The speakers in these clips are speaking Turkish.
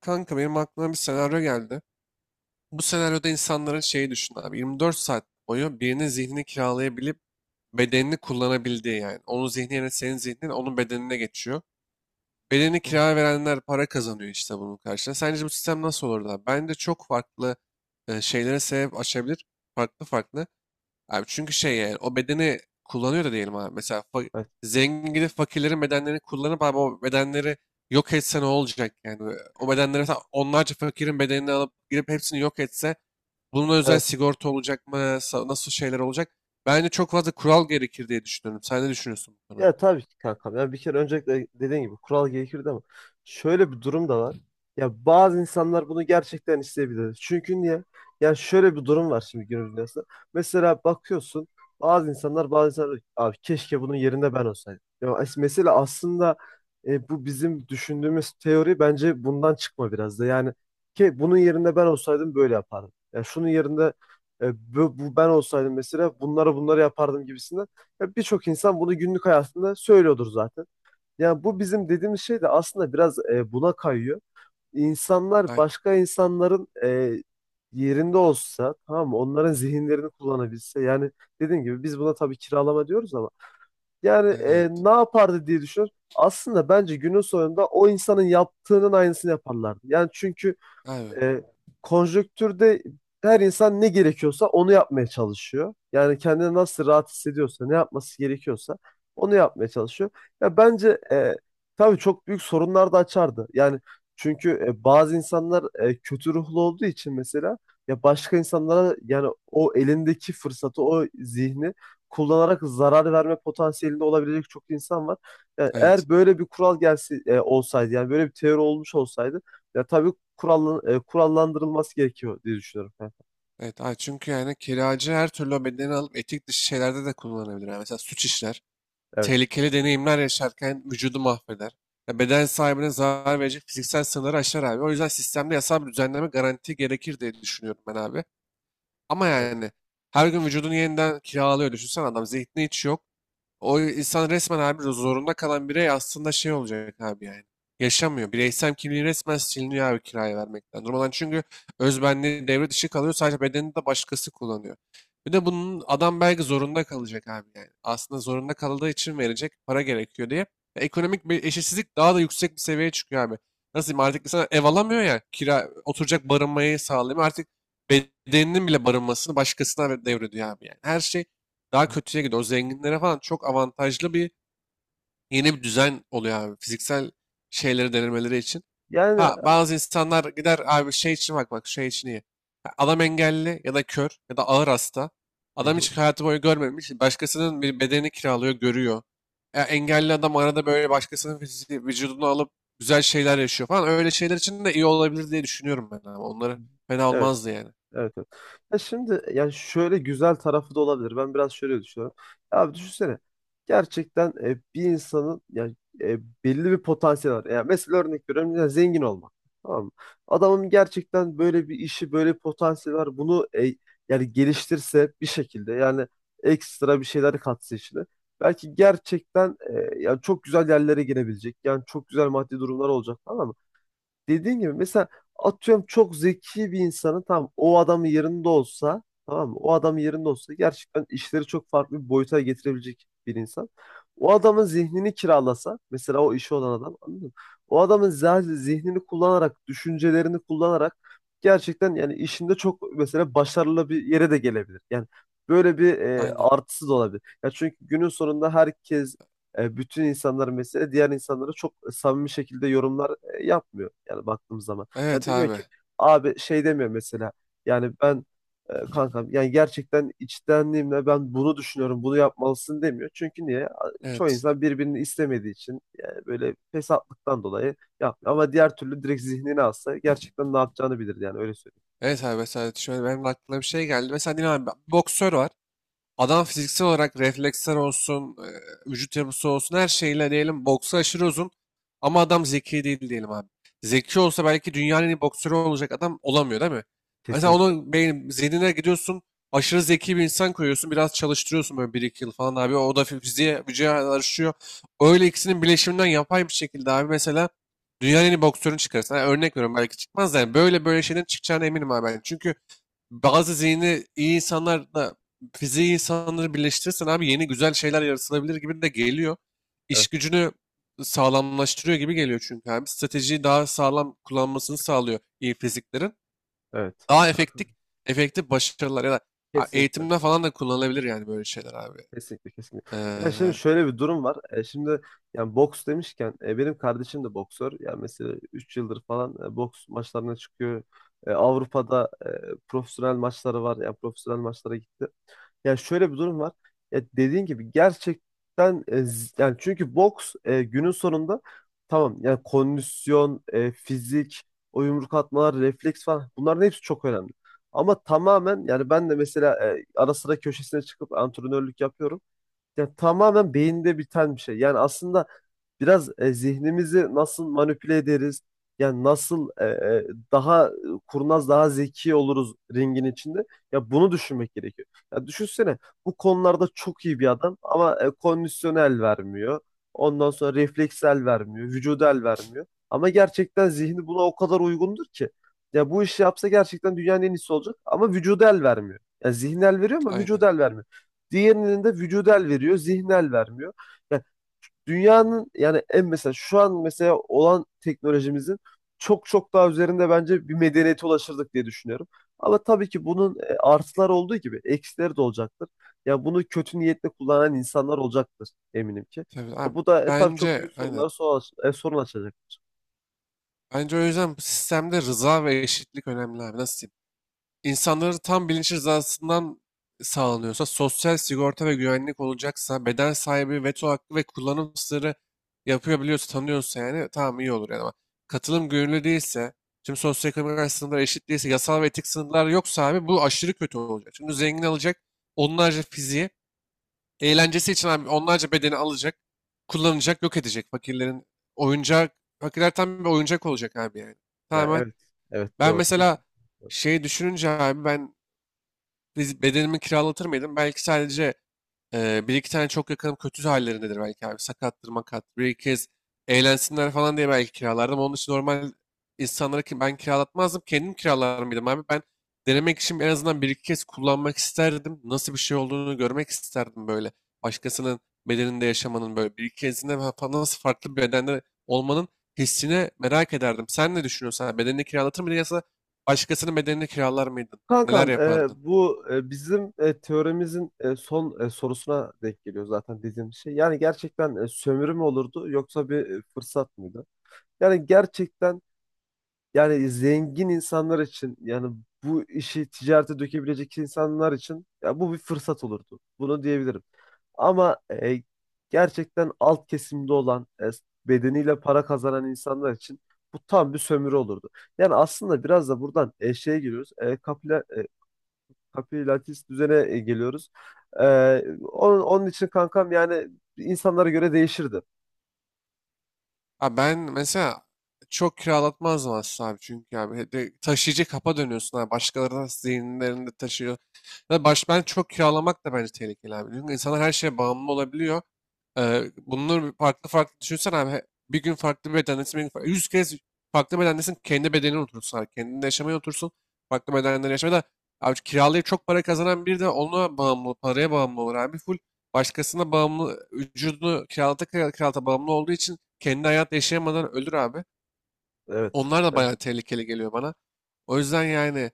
Kanka benim aklıma bir senaryo geldi. Bu senaryoda insanların şeyi düşün abi. 24 saat boyu birinin zihnini kiralayabilip bedenini kullanabildiği yani. Onun zihni yerine senin zihnin onun bedenine geçiyor. Bedeni Hı, kiraya verenler para kazanıyor işte bunun karşılığında. Sence bu sistem nasıl olurdu abi? Bence çok farklı şeylere sebep açabilir. Farklı farklı. Abi çünkü şey yani o bedeni kullanıyor da diyelim abi. Mesela evet. zengin gidip fakirlerin bedenlerini kullanıp abi o bedenleri yok etse ne olacak yani? O bedenleri mesela onlarca fakirin bedenini alıp girip hepsini yok etse bunun özel Evet. sigorta olacak mı? Nasıl şeyler olacak? Bence çok fazla kural gerekir diye düşünüyorum. Sen ne düşünüyorsun bu konu Ya hakkında? tabii ki kankam. Ya bir kere öncelikle dediğin gibi kural gerekir değil mi? Şöyle bir durum da var. Ya bazı insanlar bunu gerçekten isteyebilir. Çünkü niye? Ya şöyle bir durum var şimdi günümüz dünyasında. Mesela bakıyorsun bazı insanlar abi keşke bunun yerinde ben olsaydım. Mesela aslında bu bizim düşündüğümüz teori bence bundan çıkma biraz da. Yani ki bunun yerinde ben olsaydım böyle yapardım. Ya şunun yerinde bu ben olsaydım mesela bunları yapardım gibisinden. Ya birçok insan bunu günlük hayatında söylüyordur zaten. Yani bu bizim dediğimiz şey de aslında biraz buna kayıyor. İnsanlar Aynen. başka insanların yerinde olsa tamam mı? Onların zihinlerini kullanabilse. Yani dediğim gibi biz buna tabii kiralama diyoruz ama yani Evet. ne yapardı diye düşünüyorum. Aslında bence günün sonunda o insanın yaptığının aynısını yaparlardı. Yani çünkü Abi. e, konjonktürde her insan ne gerekiyorsa onu yapmaya çalışıyor. Yani kendini nasıl rahat hissediyorsa, ne yapması gerekiyorsa onu yapmaya çalışıyor. Ya bence tabii çok büyük sorunlar da açardı. Yani çünkü bazı insanlar kötü ruhlu olduğu için mesela ya başka insanlara yani o elindeki fırsatı, o zihni kullanarak zarar verme potansiyelinde olabilecek çok insan var. Yani Evet. eğer böyle bir kural gelse olsaydı yani böyle bir teori olmuş olsaydı ya tabii kurallandırılması gerekiyor diye düşünüyorum. Ha, Evet. Abi çünkü yani kiracı her türlü o bedeni alıp etik dışı şeylerde de kullanabilir. Yani mesela suç işler, evet. tehlikeli deneyimler yaşarken vücudu mahveder. Ya beden sahibine zarar verecek fiziksel sınırları aşar abi. O yüzden sistemde yasal bir düzenleme garanti gerekir diye düşünüyorum ben abi. Ama yani her gün vücudunu yeniden kiralıyor. Düşünsene adam zihni hiç yok. O insan resmen abi zorunda kalan birey aslında şey olacak abi yani. Yaşamıyor. Bireysel kimliği resmen siliniyor abi kiraya vermekten. Durmadan çünkü özbenliği devre dışı kalıyor. Sadece bedenini de başkası kullanıyor. Bir de bunun adam belki zorunda kalacak abi yani. Aslında zorunda kaldığı için verecek para gerekiyor diye. Ekonomik bir eşitsizlik daha da yüksek bir seviyeye çıkıyor abi. Nasıl diyeyim artık insan ev alamıyor ya kira oturacak barınmayı sağlayamıyor. Artık bedeninin bile barınmasını başkasına devrediyor abi yani. Her şey daha Evet. kötüye gidiyor. O zenginlere falan çok avantajlı bir yeni bir düzen oluyor abi. Fiziksel şeyleri denemeleri için. Yani Ha bazı insanlar gider abi şey için bak bak şey için iyi. Ha, adam engelli ya da kör ya da ağır hasta. hı Adam hı. hiç hayatı boyu görmemiş. Başkasının bir bedenini kiralıyor, görüyor. Engelli adam arada böyle başkasının fiziği, vücudunu alıp güzel şeyler yaşıyor falan. Öyle şeyler için de iyi olabilir diye düşünüyorum ben ama onları fena Evet. olmazdı yani. Evet, evet. Ya şimdi yani şöyle güzel tarafı da olabilir. Ben biraz şöyle düşünüyorum. Ya abi düşünsene. Gerçekten bir insanın yani belli bir potansiyeli var. Yani mesela örnek veriyorum ya zengin olmak. Tamam mı? Adamın gerçekten böyle bir işi, böyle bir potansiyeli var. Bunu yani geliştirse bir şekilde yani ekstra bir şeyler katsa işine. Belki gerçekten yani çok güzel yerlere girebilecek. Yani çok güzel maddi durumlar olacak falan dediğin gibi mesela atıyorum çok zeki bir insanın tam o adamın yerinde olsa tamam mı? O adamın yerinde olsa gerçekten işleri çok farklı bir boyuta getirebilecek bir insan. O adamın zihnini kiralasa mesela o işi olan adam anladın mı? O adamın zihnini kullanarak, düşüncelerini kullanarak gerçekten yani işinde çok mesela başarılı bir yere de gelebilir. Yani böyle bir Aynen. artısı da olabilir. Ya çünkü günün sonunda herkes bütün insanlar mesela diğer insanlara çok samimi şekilde yorumlar yapmıyor yani baktığımız zaman. Ya Evet demiyor ki abi. abi şey demiyor mesela yani ben kankam yani gerçekten içtenliğimle ben bunu düşünüyorum bunu yapmalısın demiyor. Çünkü niye? Çoğu Evet. insan birbirini istemediği için yani böyle fesatlıktan dolayı yapmıyor. Ama diğer türlü direkt zihnine alsa gerçekten ne yapacağını bilir yani öyle söyleyeyim. Evet abi mesela şöyle benim de aklıma bir şey geldi. Mesela diyelim abi, bir boksör var. Adam fiziksel olarak refleksler olsun, vücut yapısı olsun her şeyle diyelim boksu aşırı uzun ama adam zeki değil diyelim abi. Zeki olsa belki dünyanın en iyi boksörü olacak adam olamıyor değil mi? Mesela Kesinlikle, onun beyin, zihnine gidiyorsun aşırı zeki bir insan koyuyorsun biraz çalıştırıyorsun böyle 1-2 yıl falan abi o da fiziğe vücuda alışıyor. Öyle ikisinin bileşiminden yapay bir şekilde abi mesela dünyanın en iyi boksörünü çıkarırsın. Yani örnek veriyorum belki çıkmaz da yani böyle böyle şeylerin çıkacağına eminim abi ben. Çünkü bazı zihni iyi insanlarla fiziği iyi insanları birleştirirsen abi yeni güzel şeyler yaratılabilir gibi de geliyor. İş evet, gücünü sağlamlaştırıyor gibi geliyor çünkü abi. Stratejiyi daha sağlam kullanmasını sağlıyor iyi fiziklerin. evet. Daha efektif, Kankam, efektif başarılar ya da ha, kesinlikle. eğitimde falan da kullanılabilir yani böyle şeyler abi. Kesinlikle, kesinlikle. Ee, Ya şimdi şöyle bir durum var. E, şimdi yani boks demişken benim kardeşim de boksör. Yani mesela 3 yıldır falan boks maçlarına çıkıyor. E, Avrupa'da profesyonel maçları var. Yani profesyonel maçlara gitti. Yani şöyle bir durum var. Ya dediğin gibi gerçekten yani çünkü boks günün sonunda tamam yani kondisyon, fizik, o yumruk atmalar, refleks falan bunların hepsi çok önemli. Ama tamamen yani ben de mesela ara sıra köşesine çıkıp antrenörlük yapıyorum. Ya tamamen beyinde biten bir şey. Yani aslında biraz zihnimizi nasıl manipüle ederiz? Yani nasıl daha kurnaz, daha zeki oluruz ringin içinde? Ya bunu düşünmek gerekiyor. Ya düşünsene bu konularda çok iyi bir adam ama kondisyonel vermiyor. Ondan sonra refleksel vermiyor, vücudel vermiyor. Ama gerçekten zihni buna o kadar uygundur ki. Ya bu işi yapsa gerçekten dünyanın en iyisi olacak ama vücudel vermiyor. Ya zihnel veriyor ama aynen. vücudel vermiyor. Diğerinin de vücudel veriyor, zihnel vermiyor. Yani dünyanın yani en mesela şu an mesela olan teknolojimizin çok çok daha üzerinde bence bir medeniyete ulaşırdık diye düşünüyorum. Ama tabii ki bunun artıları olduğu gibi eksileri de olacaktır. Ya bunu kötü niyetle kullanan insanlar olacaktır eminim ki. Tabii Ya abi bu da tabii çok büyük bence sorunlara aynen. Sorun açacak. Bence o yüzden bu sistemde rıza ve eşitlik önemli abi. Nasıl diyeyim? İnsanların tam bilinç rızasından sağlanıyorsa, sosyal sigorta ve güvenlik olacaksa, beden sahibi veto hakkı ve kullanım sırrı yapabiliyorsa, tanıyorsa yani tamam iyi olur yani ama katılım gönüllü değilse, tüm sosyoekonomik sınırlar eşit değilse, yasal ve etik sınırlar yoksa abi bu aşırı kötü olacak. Çünkü zengin alacak onlarca fiziği, eğlencesi için abi onlarca bedeni alacak, kullanacak, yok edecek fakirlerin oyuncak, fakirler tam bir oyuncak olacak abi yani. Ya Tamamen evet, evet ben doğru mesela kesin. şey düşününce abi ben biz bedenimi kiralatır mıydım? Belki sadece bir iki tane çok yakınım kötü hallerindedir belki abi. Sakattır makat. Bir iki kez eğlensinler falan diye belki kiralardım. Onun için normal insanlara ki ben kiralatmazdım. Kendim kiralar mıydım abi? Ben denemek için en azından bir iki kez kullanmak isterdim. Nasıl bir şey olduğunu görmek isterdim böyle. Başkasının bedeninde yaşamanın böyle bir iki kezinde nasıl farklı bir bedende olmanın hissini merak ederdim. Sen ne düşünüyorsun? Ha, bedenini kiralatır mıydın yoksa başkasının bedenini kiralar mıydın? Neler Kankam, yapardın? Bizim teoremizin son sorusuna denk geliyor zaten dediğim şey. Yani gerçekten sömürü mü olurdu yoksa bir fırsat mıydı? Yani gerçekten yani zengin insanlar için yani bu işi ticarete dökebilecek insanlar için ya bu bir fırsat olurdu. Bunu diyebilirim. Ama gerçekten alt kesimde olan bedeniyle para kazanan insanlar için bu tam bir sömürü olurdu. Yani aslında biraz da buradan şeye giriyoruz. Kapi Latis düzene geliyoruz. Ee, onun, onun için kankam yani insanlara göre değişirdi. Abi ben mesela çok kiralatmazdım aslında abi çünkü abi de taşıyıcı kapa dönüyorsun abi başkalarının zihinlerinde taşıyor. Ya baş ben çok kiralamak da bence tehlikeli abi. Çünkü insanlar her şeye bağımlı olabiliyor. Bunları farklı farklı düşünsen abi bir gün farklı bir bedendesin, bir gün farklı, 100 kez farklı bedendesin kendi bedenine oturursun abi. Kendinde yaşamaya otursun. Farklı bedenlerde yaşamaya da abi kiralayıp çok para kazanan biri de ona bağımlı, paraya bağımlı olur abi. Full başkasına bağımlı, vücudunu kiralata kiralata bağımlı olduğu için kendi hayat yaşayamadan ölür abi. Evet. Onlar da Evet. bayağı tehlikeli geliyor bana. O yüzden yani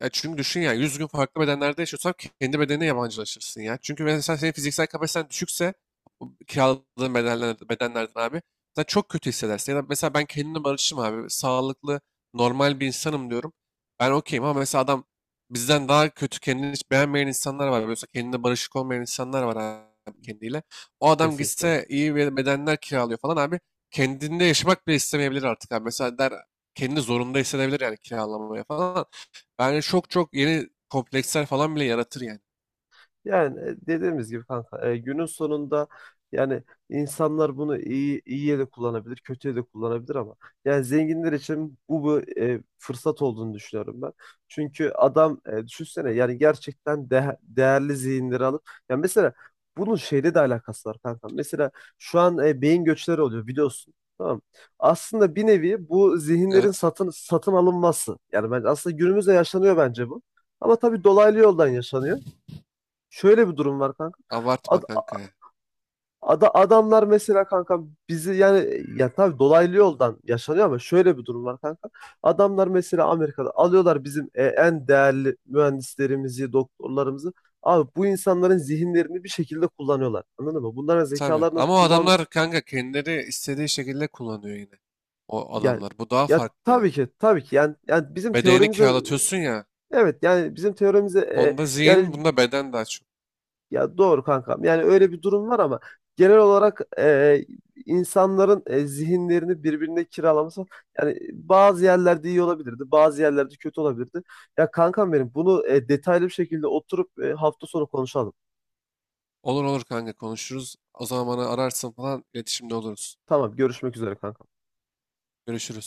ya çünkü düşün ya 100 gün farklı bedenlerde yaşıyorsan kendi bedenine yabancılaşırsın ya. Çünkü mesela senin fiziksel kapasiten düşükse bu kiraladığın bedenler, bedenlerden abi sen çok kötü hissedersin. Ya da mesela ben kendimle barışım abi. Sağlıklı, normal bir insanım diyorum. Ben okeyim ama mesela adam bizden daha kötü kendini hiç beğenmeyen insanlar var. Mesela kendine barışık olmayan insanlar var abi kendiyle. O adam Kesinlikle. gitse iyi bir bedenler kiralıyor falan abi. Kendinde yaşamak bile istemeyebilir artık abi. Mesela der kendini zorunda hissedebilir yani kiralamaya falan. Bence çok çok yeni kompleksler falan bile yaratır yani. Yani dediğimiz gibi kanka günün sonunda yani insanlar bunu iyi iyiye de kullanabilir, kötüye de kullanabilir ama yani zenginler için bu fırsat olduğunu düşünüyorum ben. Çünkü adam düşünsene yani gerçekten değerli zihinleri alıp yani mesela bunun şeyle de alakası var kanka. Mesela şu an beyin göçleri oluyor biliyorsun. Tamam. Aslında bir nevi bu zihinlerin Evet. satın alınması. Yani ben aslında günümüzde yaşanıyor bence bu. Ama tabii dolaylı yoldan yaşanıyor şöyle bir durum var kanka. Abartma Ad, kanka ya. Adamlar mesela kanka bizi yani ya tabii dolaylı yoldan yaşanıyor ama şöyle bir durum var kanka. Adamlar mesela Amerika'da alıyorlar bizim en değerli mühendislerimizi, doktorlarımızı. Abi bu insanların zihinlerini bir şekilde kullanıyorlar. Anladın mı? Bunların Tabii. zekalarını Ama o kullan adamlar kanka kendileri istediği şekilde kullanıyor yine. O yani adamlar. Bu daha ya farklı yani. tabii ki tabii ki yani, yani bizim Bedenini teorimize kiralatıyorsun ya. evet yani bizim teorimize Onda zihin, yani bunda beden daha çok. ya doğru kankam. Yani öyle bir durum var ama genel olarak insanların zihinlerini birbirine kiralaması yani bazı yerlerde iyi olabilirdi, bazı yerlerde kötü olabilirdi. Ya kankam benim bunu detaylı bir şekilde oturup hafta sonu konuşalım. Olur olur kanka konuşuruz. O zaman bana ararsın falan iletişimde oluruz. Tamam, görüşmek üzere kankam. Görüşürüz.